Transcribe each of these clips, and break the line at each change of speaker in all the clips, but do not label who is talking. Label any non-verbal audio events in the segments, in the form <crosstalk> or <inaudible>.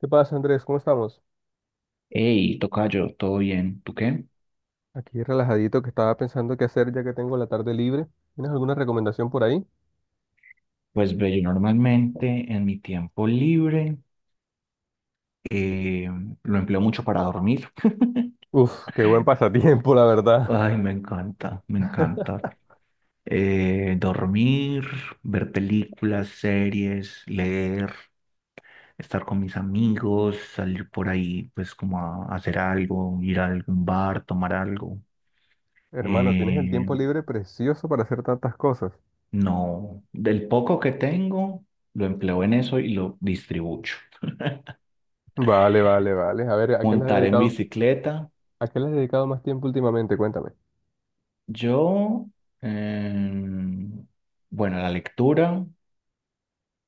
¿Qué pasa, Andrés? ¿Cómo estamos?
Hey, tocayo, ¿todo bien? ¿Tú qué?
Aquí relajadito que estaba pensando qué hacer ya que tengo la tarde libre. ¿Tienes alguna recomendación por ahí?
Pues ve, yo normalmente en mi tiempo libre eh, lo empleo mucho para dormir. <laughs>
Uf, qué buen pasatiempo, la verdad.
Ay, me encanta, me
<laughs>
encanta. Dormir, ver películas, series, leer, estar con mis amigos, salir por ahí, pues como a hacer algo, ir a algún bar, tomar algo.
Hermano, tienes el
Eh,
tiempo libre precioso para hacer tantas cosas.
No, del poco que tengo, lo empleo en eso y lo distribuyo.
Vale, vale, vale. A ver,
Montar en bicicleta,
¿a qué le has dedicado más tiempo últimamente? Cuéntame.
yo, em, bueno, a la lectura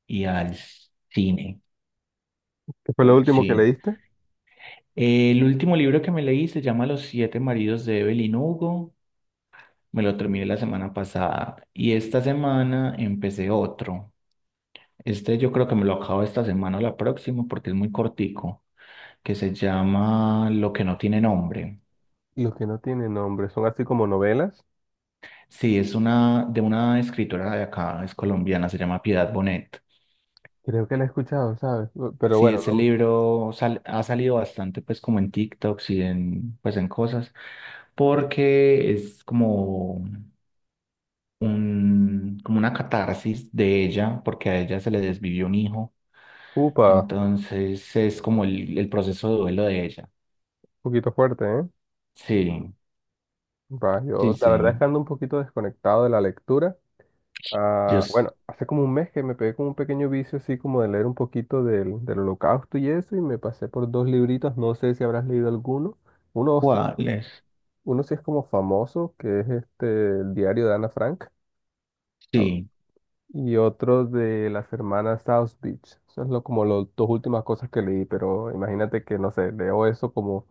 y al cine,
¿Qué fue lo último que
sí.
leíste?
El último libro que me leí se llama Los siete maridos de Evelyn Hugo. Me lo terminé la semana pasada y esta semana empecé otro. Este yo creo que me lo acabo esta semana o la próxima porque es muy cortico, que se llama Lo que no tiene nombre.
Los que no tienen nombre, son así como novelas.
Sí, es una de una escritora de acá, es colombiana, se llama Piedad Bonet.
Creo que la he escuchado, ¿sabes? Pero
Sí,
bueno,
ese libro ha salido bastante pues como en TikToks y en pues en cosas, porque es como un como una catarsis de ella, porque a ella se le desvivió un hijo,
upa, un
entonces es como el proceso de duelo de ella.
poquito fuerte, ¿eh?
Sí,
Va,
sí,
yo la
sí.
verdad es que ando un poquito desconectado de la lectura.
Yo,
Ah,
s-
bueno, hace como un mes que me pegué con un pequeño vicio así como de leer un poquito del Holocausto y eso, y me pasé por dos libritos, no sé si habrás leído alguno. Uno sí,
¿Cuál es?
uno sí es como famoso, que es este el diario de Ana Frank, al-
Sí.
y otro de las hermanas South Beach. Eso es lo, como las dos últimas cosas que leí, pero imagínate que, no sé, leo eso como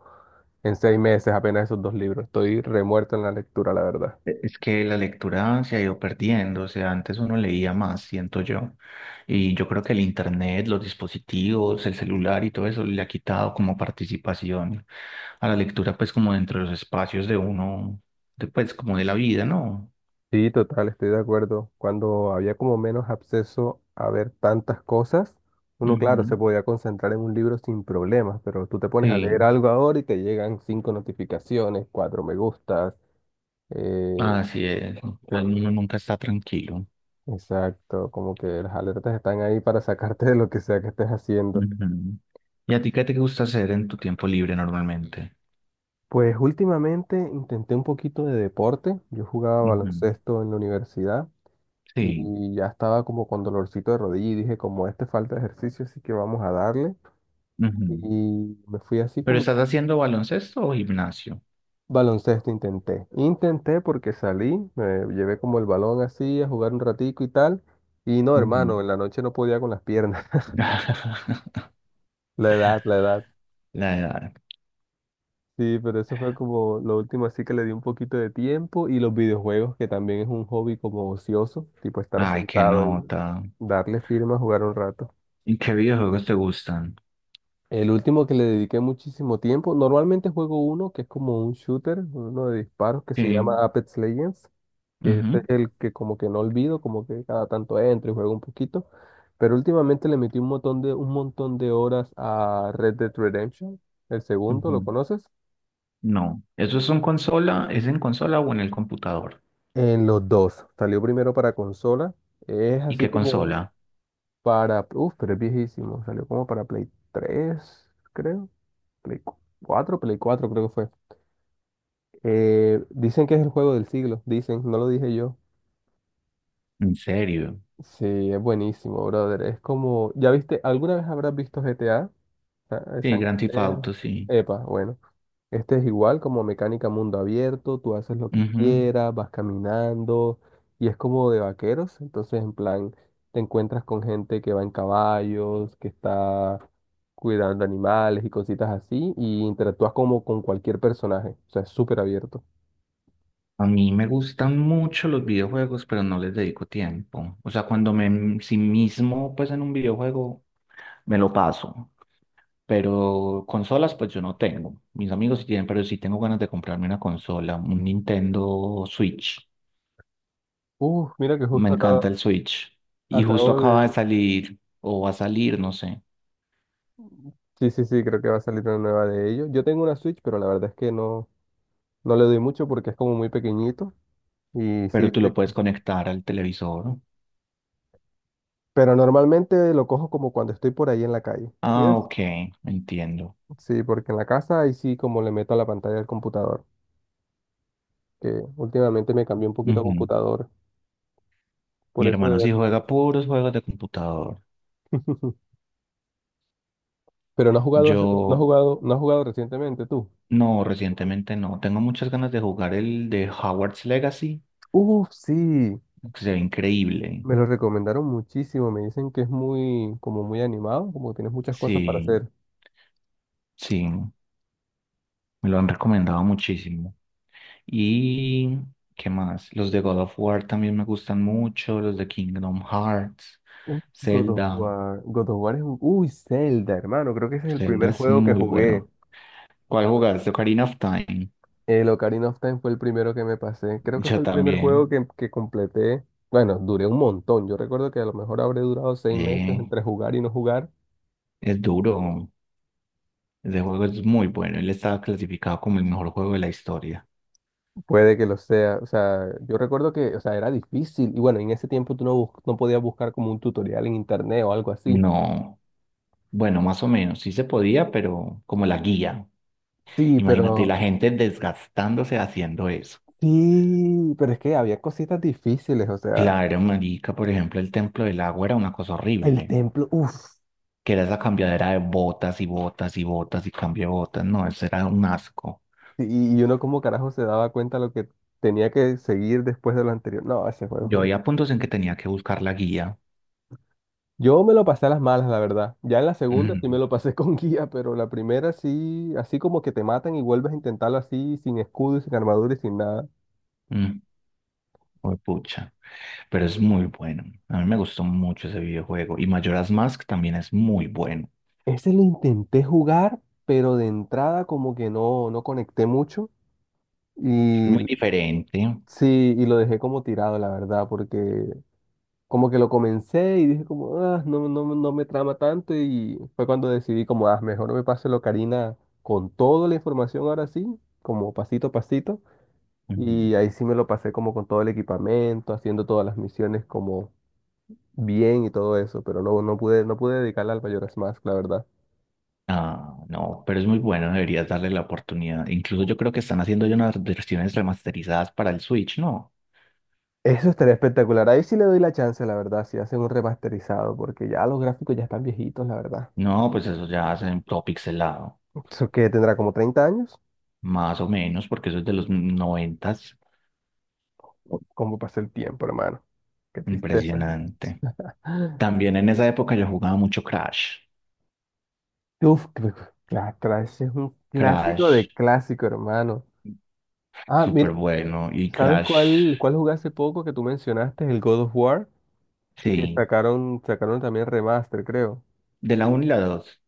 en 6 meses apenas esos dos libros. Estoy remuerto en la lectura, la verdad.
Es que la lectura se ha ido perdiendo, o sea, antes uno leía más, siento yo, y yo creo que el internet, los dispositivos, el celular y todo eso le ha quitado como participación a la lectura, pues como dentro de los espacios de uno, pues como de la vida, ¿no?
Sí, total, estoy de acuerdo. Cuando había como menos acceso a ver tantas cosas, uno, claro, se
Ujú,
podía concentrar en un libro sin problemas, pero tú te pones a leer
sí,
algo ahora y te llegan 5 notificaciones, 4 me gustas. eh,
así es, pues uno nunca está tranquilo.
exacto, como que las alertas están ahí para sacarte de lo que sea que estés haciendo.
Ujú. ¿Y a ti qué te gusta hacer en tu tiempo libre normalmente?
Pues últimamente intenté un poquito de deporte. Yo jugaba
Ujú,
baloncesto en la universidad y
sí,
ya estaba como con dolorcito de rodilla y dije, como este falta de ejercicio, así que vamos a darle.
ujú.
Y me fui así
¿Pero
como
estás haciendo baloncesto o gimnasio?
baloncesto intenté. Intenté porque salí, me llevé como el balón así a jugar un ratico y tal. Y no,
Ujú.
hermano, en la noche no podía con las piernas. <laughs>
<laughs>
La edad, la edad.
La edad.
Sí, pero eso fue como lo último así que le di un poquito de tiempo. Y los videojuegos, que también es un hobby como ocioso, tipo estar
Ay, qué
sentado y
nota.
darle firma a jugar un rato.
¿Y qué videojuegos te gustan?
El último que le dediqué muchísimo tiempo, normalmente juego uno que es como un shooter, uno de disparos que se
Sí.
llama Apex Legends, que ese es
Ujú,
el que como que no olvido, como que cada tanto entro y juego un poquito, pero últimamente le metí un montón un montón de horas a Red Dead Redemption, el segundo, ¿lo
ujú.
conoces?
No. ¿Eso es en consola? ¿Es en consola o en el computador?
En los dos, salió primero para consola, es
¿Y
así
qué
como
consola?
para, uff, pero es viejísimo, salió como para Play 3, creo, Play 4, Play 4 creo que fue. Dicen que es el juego del siglo, dicen, no lo dije yo.
¿En serio?
Sí, es buenísimo, brother. Es como, ¿ya viste? ¿Alguna vez habrás visto GTA? Ah,
Sí,
San
Grand Theft
Andreas.
Auto, sí.
Epa, bueno. Este es igual como mecánica mundo abierto, tú haces lo que
Ujú.
quieras, vas caminando y es como de vaqueros, entonces en plan te encuentras con gente que va en caballos, que está cuidando animales y cositas así y interactúas como con cualquier personaje, o sea, es súper abierto.
A mí me gustan mucho los videojuegos, pero no les dedico tiempo. O sea, cuando me sí mismo, pues en un videojuego, me lo paso. Pero consolas, pues yo no tengo. Mis amigos sí tienen, pero sí tengo ganas de comprarme una consola, un Nintendo Switch.
Uf, mira que
Me
justo acá.
encanta el Switch. Y justo
Acabo
acaba de
de...
salir, o va a salir, no sé.
Sí, sí, sí, creo que va a salir una nueva de ellos. Yo tengo una Switch, pero la verdad es que no le doy mucho porque es como muy pequeñito. Y sí,
Pero tú lo puedes conectar al televisor.
pero normalmente lo cojo como cuando estoy por ahí en la calle. ¿Sí
Ah,
ves?
ok, entiendo.
Sí, porque en la casa ahí sí como le meto a la pantalla del computador, que últimamente me cambié un poquito a
Ujú.
computador, por
Mi
eso de
hermano sí
ver.
juega puros juegos de computador.
<laughs> Pero no has jugado, no has
Yo
jugado, no has jugado recientemente tú.
no, recientemente no. Tengo muchas ganas de jugar el de Howard's Legacy,
Uf, sí,
que se ve increíble.
me lo recomendaron muchísimo. Me dicen que es muy, como muy animado, como que tienes muchas cosas para
Sí,
hacer.
sí. Me lo han recomendado muchísimo. ¿Y qué más? Los de God of War también me gustan mucho, los de Kingdom Hearts,
God of
Zelda.
War. God of War es un... Uy, Zelda, hermano. Creo que ese es el
Zelda
primer
es
juego que
muy
jugué.
bueno. ¿Cuál jugaste? Ocarina of Time.
El Ocarina of Time fue el primero que me pasé. Creo que
Yo
fue el primer juego
también.
que completé. Bueno, duré un montón. Yo recuerdo que a lo mejor habré durado 6 meses
Eh,
entre jugar y no jugar.
es duro. Ese juego es muy bueno. Él estaba clasificado como el mejor juego de la historia.
Puede que lo sea. O sea, yo recuerdo que, o sea, era difícil. Y bueno, en ese tiempo tú no podías buscar como un tutorial en internet o algo así.
No, bueno, más o menos. Sí se podía, pero como la guía.
Sí,
Imagínate la
pero...
gente desgastándose haciendo eso.
Sí, pero es que había cositas difíciles. O sea,
Claro, marica, por ejemplo, el Templo del Agua era una cosa
el
horrible,
templo. Uff.
que era esa cambiadera de botas y botas y botas y cambio de botas, no, eso era un asco.
Y uno como carajo se daba cuenta lo que tenía que seguir después de lo anterior. No, ese juego es
Yo
un...
había puntos en que tenía que buscar la guía.
Yo me lo pasé a las malas, la verdad. Ya en la segunda sí me
Mm,
lo pasé <laughs> con guía, pero la primera sí, así como que te matan y vuelves a intentarlo así, sin escudo y sin armadura y sin nada.
mm, juepucha. Pero es muy bueno. A mí me gustó mucho ese videojuego. Y Majora's Mask también es muy bueno.
Ese lo intenté jugar, pero de entrada como que no conecté mucho.
Es que es
Y
muy diferente.
sí, y lo dejé como tirado, la verdad, porque como que lo comencé y dije como, ah, no me trama tanto y fue cuando decidí como, ah, mejor no me paso lo Karina con toda la información ahora sí, como pasito a pasito.
Ujú.
Y ahí sí me lo pasé como con todo el equipamiento, haciendo todas las misiones como bien y todo eso, pero no, no pude, no pude dedicarla al Majora's Mask, la verdad.
Ah, no, pero es muy bueno. Deberías darle la oportunidad. Incluso yo creo que están haciendo ya unas versiones remasterizadas para el Switch, ¿no?
Eso estaría espectacular. Ahí sí le doy la chance, la verdad, si hacen un remasterizado, porque ya los gráficos ya están viejitos, la verdad.
No, pues eso ya es en todo pixelado,
Eso que tendrá como 30 años.
más o menos, porque eso es de los noventas.
¿Cómo pasa el tiempo, hermano? Qué tristeza.
Impresionante. También en esa época yo jugaba mucho Crash.
Uf, creo que la Crash es un clásico
Crash,
de clásico, hermano. Ah, mira,
súper bueno. Y
¿sabes
Crash,
cuál jugué hace poco que tú mencionaste? El God of War, que
sí,
sacaron, sacaron también remaster, creo.
de la uno y la dos.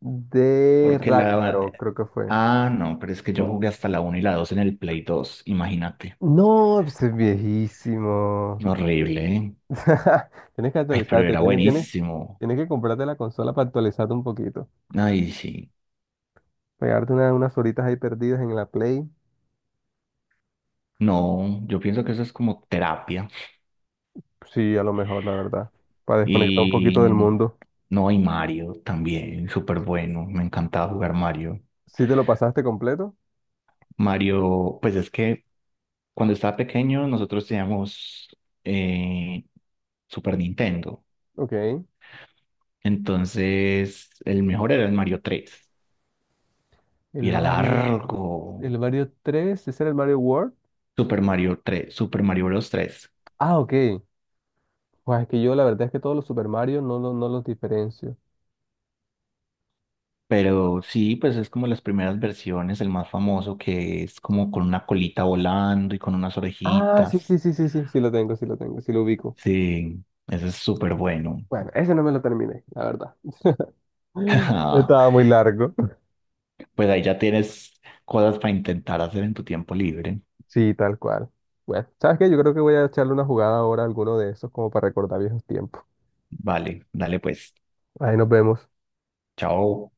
De
Porque
Ragnarok,
la...
creo que fue.
Ah, no, pero es que yo jugué hasta la uno y la 2 en el Play 2, imagínate.
No, pues es viejísimo.
Horrible, ¿eh?
<laughs> Tienes que
Ay, pero
actualizarte,
era buenísimo.
tienes que comprarte la consola para actualizarte un poquito.
Ay, sí.
Pegarte unas horitas ahí perdidas en la Play.
No, yo pienso que eso es como terapia.
Sí, a lo mejor, la verdad. Para desconectar un
Y
poquito del mundo.
no, y Mario también, súper bueno. Me encantaba jugar Mario.
¿Sí te lo pasaste completo?
Mario, pues es que cuando estaba pequeño nosotros teníamos eh, Super Nintendo.
Ok.
Entonces el mejor era el Mario 3 y
El
era
Mario,
largo.
el Mario 3, ¿ese era el Mario World?
Super Mario 3. Super Mario Bros. 3.
Ah, ok. Pues es que yo la verdad es que todos los Super Mario no los diferencio.
Pero sí, pues es como las primeras versiones, el más famoso que es como con una colita volando y con unas
Ah,
orejitas.
sí lo tengo, sí lo tengo, sí lo ubico.
Sí, eso es súper bueno.
Bueno, ese no me lo terminé, la verdad. <laughs> Estaba muy
<laughs>
largo.
Pues ahí ya tienes cosas para intentar hacer en tu tiempo libre.
Sí, tal cual. Bueno, ¿sabes qué? Yo creo que voy a echarle una jugada ahora a alguno de esos como para recordar viejos tiempos.
Vale, dale pues.
Ahí nos vemos.
Chao.